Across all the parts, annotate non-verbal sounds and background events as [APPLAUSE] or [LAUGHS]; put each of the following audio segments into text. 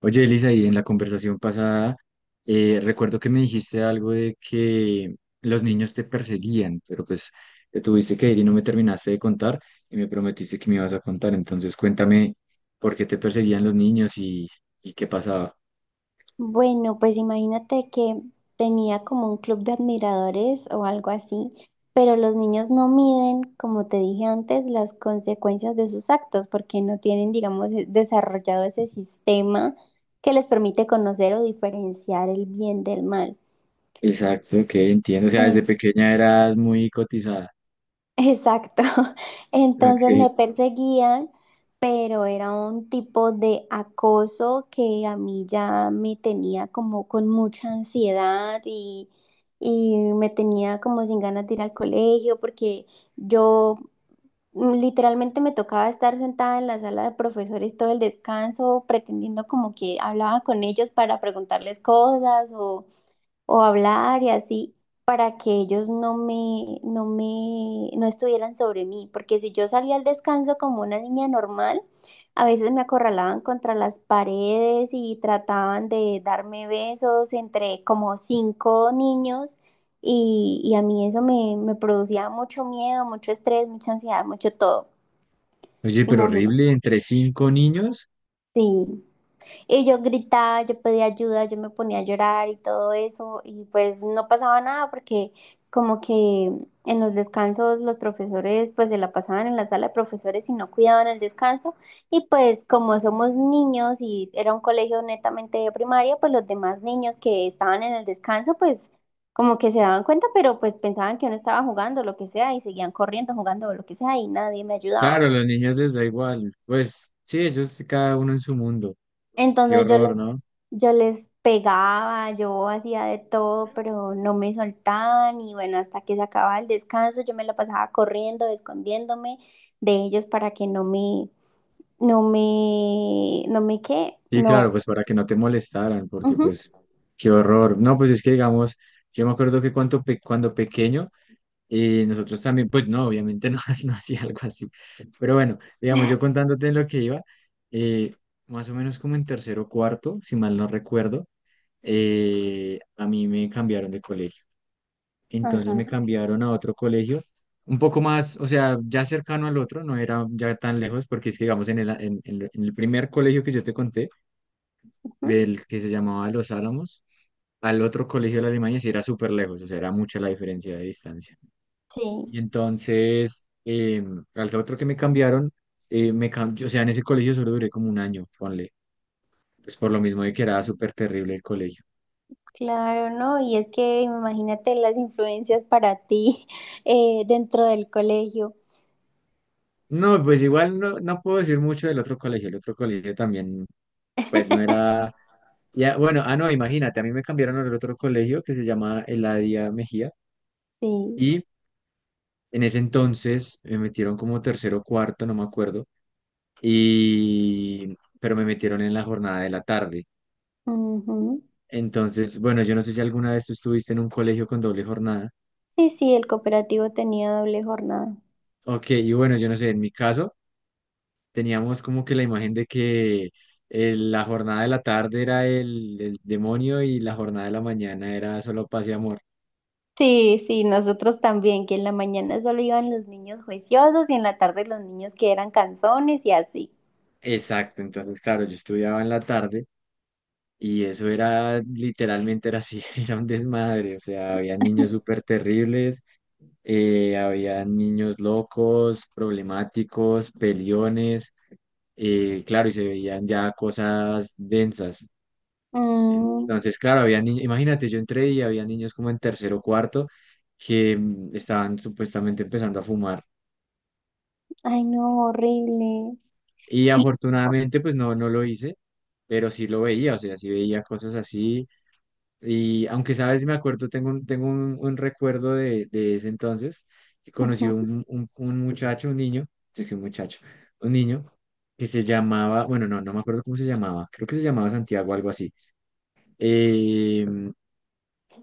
Oye, Elisa, y en la conversación pasada, recuerdo que me dijiste algo de que los niños te perseguían, pero pues te tuviste que ir y no me terminaste de contar y me prometiste que me ibas a contar. Entonces, cuéntame por qué te perseguían los niños y qué pasaba. Bueno, pues imagínate que tenía como un club de admiradores o algo así, pero los niños no miden, como te dije antes, las consecuencias de sus actos porque no tienen, digamos, desarrollado ese sistema que les permite conocer o diferenciar el bien del mal. Exacto, que entiendo. O sea, desde Eh, pequeña eras muy cotizada. Exacto. [LAUGHS] Entonces Ok. me perseguían, pero era un tipo de acoso que a mí ya me tenía como con mucha ansiedad y me tenía como sin ganas de ir al colegio porque yo literalmente me tocaba estar sentada en la sala de profesores todo el descanso pretendiendo como que hablaba con ellos para preguntarles cosas o hablar y así para que ellos no estuvieran sobre mí, porque si yo salía al descanso como una niña normal, a veces me acorralaban contra las paredes y trataban de darme besos entre como cinco niños y a mí me producía mucho miedo, mucho estrés, mucha ansiedad, mucho todo, Oye, pero imagínate. horrible, entre cinco niños. Sí. Y yo gritaba, yo pedía ayuda, yo me ponía a llorar y todo eso, y pues no pasaba nada porque como que en los descansos los profesores pues se la pasaban en la sala de profesores y no cuidaban el descanso, y pues como somos niños y era un colegio netamente de primaria, pues los demás niños que estaban en el descanso pues como que se daban cuenta, pero pues pensaban que uno estaba jugando lo que sea y seguían corriendo, jugando lo que sea y nadie me ayudaba. Claro, a los niños les da igual. Pues sí, ellos cada uno en su mundo. Qué Entonces yo les, horror, ¿no? yo les pegaba, yo hacía de todo, pero no me soltaban y bueno, hasta que se acababa el descanso, yo me la pasaba corriendo, escondiéndome de ellos para que no me qué, Sí, no. claro, pues para que no te molestaran, porque Ujú, pues qué horror. No, pues es que digamos, yo me acuerdo que cuando, cuando pequeño, nosotros también, pues no, obviamente no, [LAUGHS] no hacía algo así. Pero bueno, digamos, yo contándote lo que iba, eh, más o menos como en tercero o cuarto, si mal no recuerdo, a mí me cambiaron de colegio. Entonces me ajá, cambiaron a otro colegio, un poco más, o sea, ya cercano al otro, no era ya tan lejos, porque es que digamos, en el, en el primer colegio que yo te conté, ujú. el que se llamaba Los Álamos, al otro colegio de la Alemania sí era súper lejos, o sea, era mucha la diferencia de distancia. Sí, Y entonces, al otro que me cambiaron, o sea, en ese colegio solo duré como un año, ponle, pues por lo mismo de que era súper terrible el colegio. claro, ¿no? Y es que imagínate las influencias para ti [LAUGHS] dentro del colegio. No, pues igual no, no puedo decir mucho del otro colegio, el otro colegio también, pues no era, ya, bueno, ah, no, imagínate, a mí me cambiaron al otro colegio que se llama Eladia Mejía Sí, y en ese entonces me metieron como tercero o cuarto, no me acuerdo y, pero me metieron en la jornada de la tarde. ujú. Entonces, bueno, yo no sé si alguna vez tú estuviste en un colegio con doble jornada. Sí, sí, el cooperativo tenía doble jornada. Ok, y bueno, yo no sé, en mi caso teníamos como que la imagen de que la jornada de la tarde era el demonio y la jornada de la mañana era solo paz y amor. Sí, sí, nosotros también, que en la mañana solo iban los niños juiciosos y en la tarde los niños que eran canzones y así. Exacto, entonces, claro, yo estudiaba en la tarde y eso era literalmente era así, [LAUGHS] era un desmadre, o sea, había niños [LAUGHS] súper terribles, había niños locos, problemáticos, peliones, claro, y se veían ya cosas densas. Mm, Entonces, claro, había niños, imagínate, yo entré y había niños como en tercero o cuarto que estaban supuestamente empezando a fumar. ay, no, horrible. Y afortunadamente, pues no, no lo hice, pero sí lo veía, o sea, sí veía cosas así. Y aunque sabes, me acuerdo, un recuerdo de ese entonces, que conocí Ujú. Un muchacho, un niño, es que un muchacho, un niño que se llamaba, bueno, no, no me acuerdo cómo se llamaba, creo que se llamaba Santiago, algo así. Eh,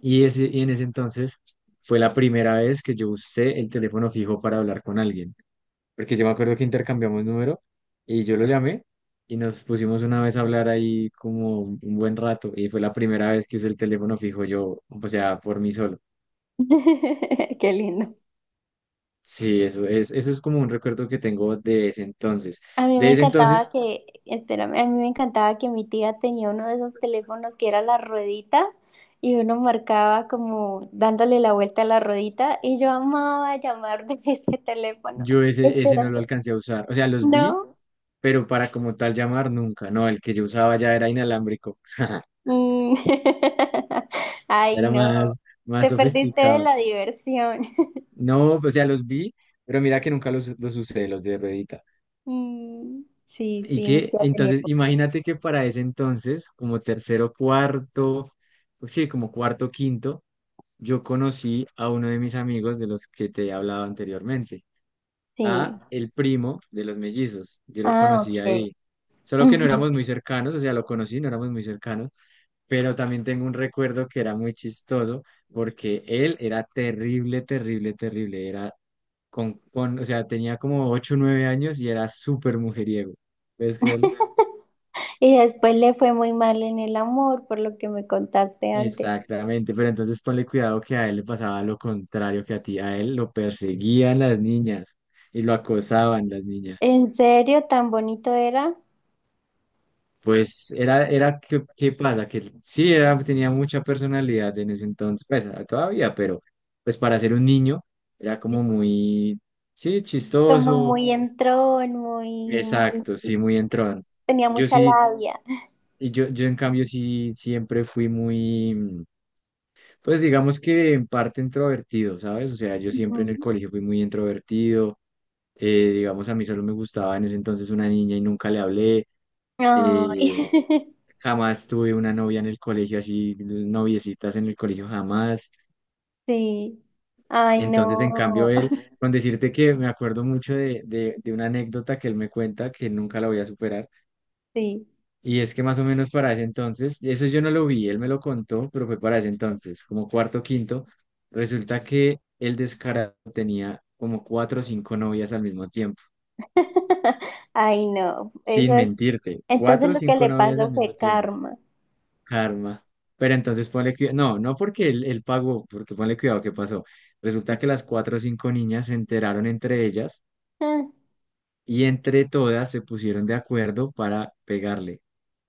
y, ese, y en ese entonces fue la primera vez que yo usé el teléfono fijo para hablar con alguien porque yo me acuerdo que intercambiamos número y yo lo llamé y nos pusimos una vez a hablar ahí como un buen rato y fue la primera vez que usé el teléfono fijo yo, o sea, por mí solo. [LAUGHS] Qué lindo. Sí, eso es como un recuerdo que tengo de ese entonces. A mí me De ese encantaba entonces, que, espérame, a mí me encantaba que mi tía tenía uno de esos teléfonos que era la ruedita y uno marcaba como dándole la vuelta a la ruedita y yo amaba llamar de [LAUGHS] ese teléfono. yo ese, ese no lo Esperando. alcancé a usar. O sea, los vi, No. pero para como tal llamar nunca, no, el que yo usaba ya era inalámbrico. [LAUGHS] Mm. [LAUGHS] Ay, Era no, más, más te perdiste de sofisticado. la diversión. [LAUGHS] No, o sea, los vi, pero mira que nunca los, los usé, los de ruedita. Mm, sí, Y sí, mi que tía tenía. entonces, imagínate que para ese entonces, como tercero, cuarto, pues sí, como cuarto, quinto, yo conocí a uno de mis amigos de los que te he hablado anteriormente, Sí. a el primo de los mellizos. Yo lo Ah, conocí ok. ahí. Solo que no Ujú. éramos muy cercanos, o sea, lo conocí, no éramos muy cercanos, pero también tengo un recuerdo que era muy chistoso porque él era terrible, terrible, terrible. Era o sea, tenía como 8 o 9 años y era súper mujeriego. ¿Puedes creerlo? Y después le fue muy mal en el amor, por lo que me contaste antes. Exactamente, pero entonces ponle cuidado que a él le pasaba lo contrario que a ti, a él lo perseguían las niñas y lo acosaban las niñas. ¿En serio? ¿Tan bonito era? Pues era, era, ¿qué, qué pasa? Que él sí era, tenía mucha personalidad en ese entonces, pues ah, todavía, pero pues para ser un niño era Sí, como muy, sí, como chistoso, muy entrón, muy, muy... exacto, sí, muy entrón. Tenía Yo mucha sí, labia. Yo en cambio sí siempre fui muy... Pues digamos que en parte introvertido, ¿sabes? O sea, yo siempre en el Ujú. colegio fui muy introvertido, digamos, a mí solo me gustaba en ese entonces una niña y nunca le hablé, Ay, eh, [LAUGHS] jamás tuve una novia en el colegio, así noviecitas en el colegio, jamás. sí. Ay, Entonces, en cambio, no. él, [LAUGHS] con decirte que me acuerdo mucho de una anécdota que él me cuenta que nunca la voy a superar. Sí. Y es que más o menos para ese entonces, eso yo no lo vi, él me lo contó, pero fue para ese entonces, como cuarto, quinto, resulta que el descarado tenía como cuatro o cinco novias al mismo tiempo, [LAUGHS] Ay, no, eso sin es. mentirte, Entonces cuatro o lo que cinco le novias pasó al mismo fue tiempo, karma. karma. Pero entonces ponle cuidado, no, no porque él pagó, porque ponle cuidado qué pasó. Resulta que las cuatro o cinco niñas se enteraron entre ellas Ah. y entre todas se pusieron de acuerdo para pegarle.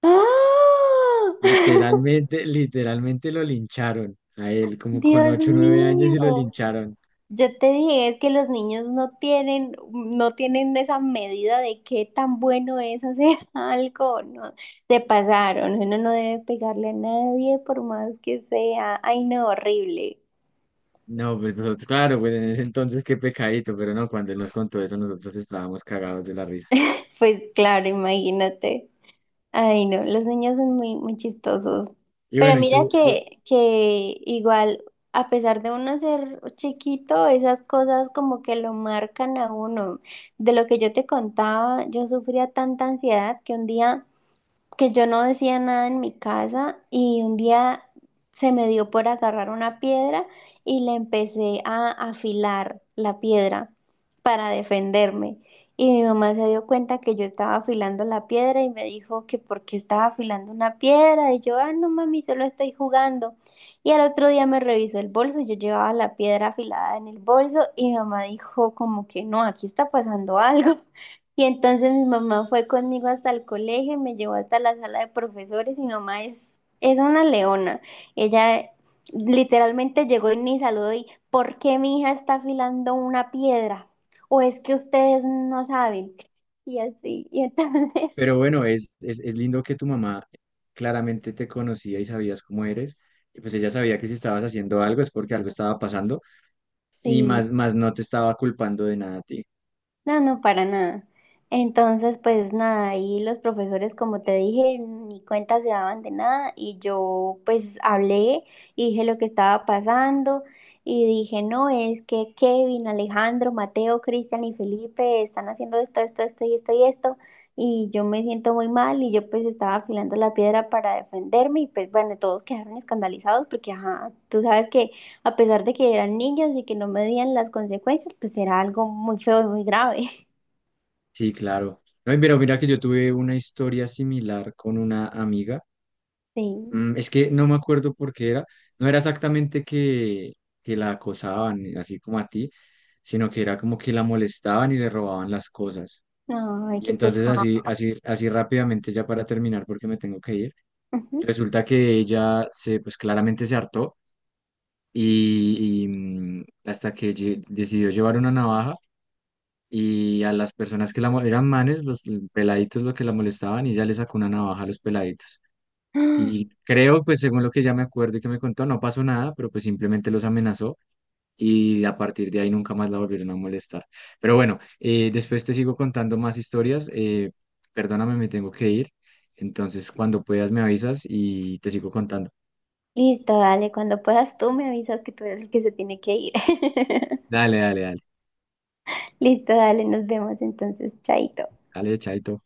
¡Ah! [LAUGHS] Literalmente, literalmente lo lincharon a él, como con Dios ocho o 9 años y lo mío. lincharon. Yo te dije, es que los niños no tienen esa medida de qué tan bueno es hacer [LAUGHS] algo, ¿no? Se pasaron, uno no debe pegarle a nadie por más que sea. Ay, no, horrible. No, pues nosotros, claro, pues en ese entonces qué pecadito, pero no, cuando él nos contó eso nosotros estábamos cagados de la risa. Pues claro, imagínate. Ay, no, los niños son muy, muy chistosos. Y Pero bueno, y mira tú, que igual, a pesar de uno ser chiquito, esas cosas como que lo marcan a uno. De lo que yo te contaba, yo sufría tanta ansiedad que un día que yo no decía nada en mi casa y un día se me dio por agarrar una piedra y le empecé a afilar la piedra para defenderme. Y mi mamá se dio cuenta que yo estaba afilando la piedra y me dijo que por qué estaba afilando una piedra. Y yo, ah, no mami, solo estoy jugando. Y al otro día me revisó el bolso, yo llevaba la piedra afilada en el bolso y mi mamá dijo como que no, aquí está pasando algo. Y entonces mi mamá fue conmigo hasta el colegio, me llevó hasta la sala de profesores y mi mamá es una leona. Ella literalmente llegó y me saludó y ¿por qué mi hija está afilando una piedra? ¿O es que ustedes no saben? Y así, y entonces, pero bueno, es lindo que tu mamá claramente te conocía y sabías cómo eres, y pues ella sabía que si estabas haciendo algo es porque algo estaba pasando, y [LAUGHS] sí. más, más no te estaba culpando de nada a ti. No, no, para nada. Entonces, pues nada, y los profesores, como te dije, ni cuenta se daban de nada y yo pues hablé y dije lo que estaba pasando y dije, no, es que Kevin, Alejandro, Mateo, Cristian y Felipe están haciendo esto, esto, esto y esto y esto y yo me siento muy mal y yo pues estaba afilando la piedra para defenderme y pues bueno, todos quedaron escandalizados porque, ajá, tú sabes que a pesar de que eran niños y que no medían las consecuencias, pues era algo muy feo y muy grave. [LAUGHS] Sí, claro. No, y mira, mira que yo tuve una historia similar con una amiga. Sí. Es que no me acuerdo por qué era. No era exactamente que la acosaban, así como a ti, sino que era como que la molestaban y le robaban las cosas. Ay, Y qué entonces pecado. así, así, así rápidamente, ya para terminar, porque me tengo que ir, Ujú. resulta que ella se, pues claramente se hartó y, hasta que decidió llevar una navaja y a las personas que eran manes, los peladitos, lo que la molestaban, y ella le sacó una navaja a los peladitos. Y [GASPS] creo, pues según lo que ya me acuerdo y que me contó, no pasó nada, pero pues simplemente los amenazó y a partir de ahí nunca más la volvieron a molestar. Pero bueno, después te sigo contando más historias. Perdóname, me tengo que ir. Entonces, cuando puedas me avisas y te sigo contando. Listo, dale. Cuando puedas tú me avisas que tú eres el que se tiene que ir. [LAUGHS] Dale, dale, dale. Listo, dale. Nos vemos entonces. Chaito. Dale, chaito.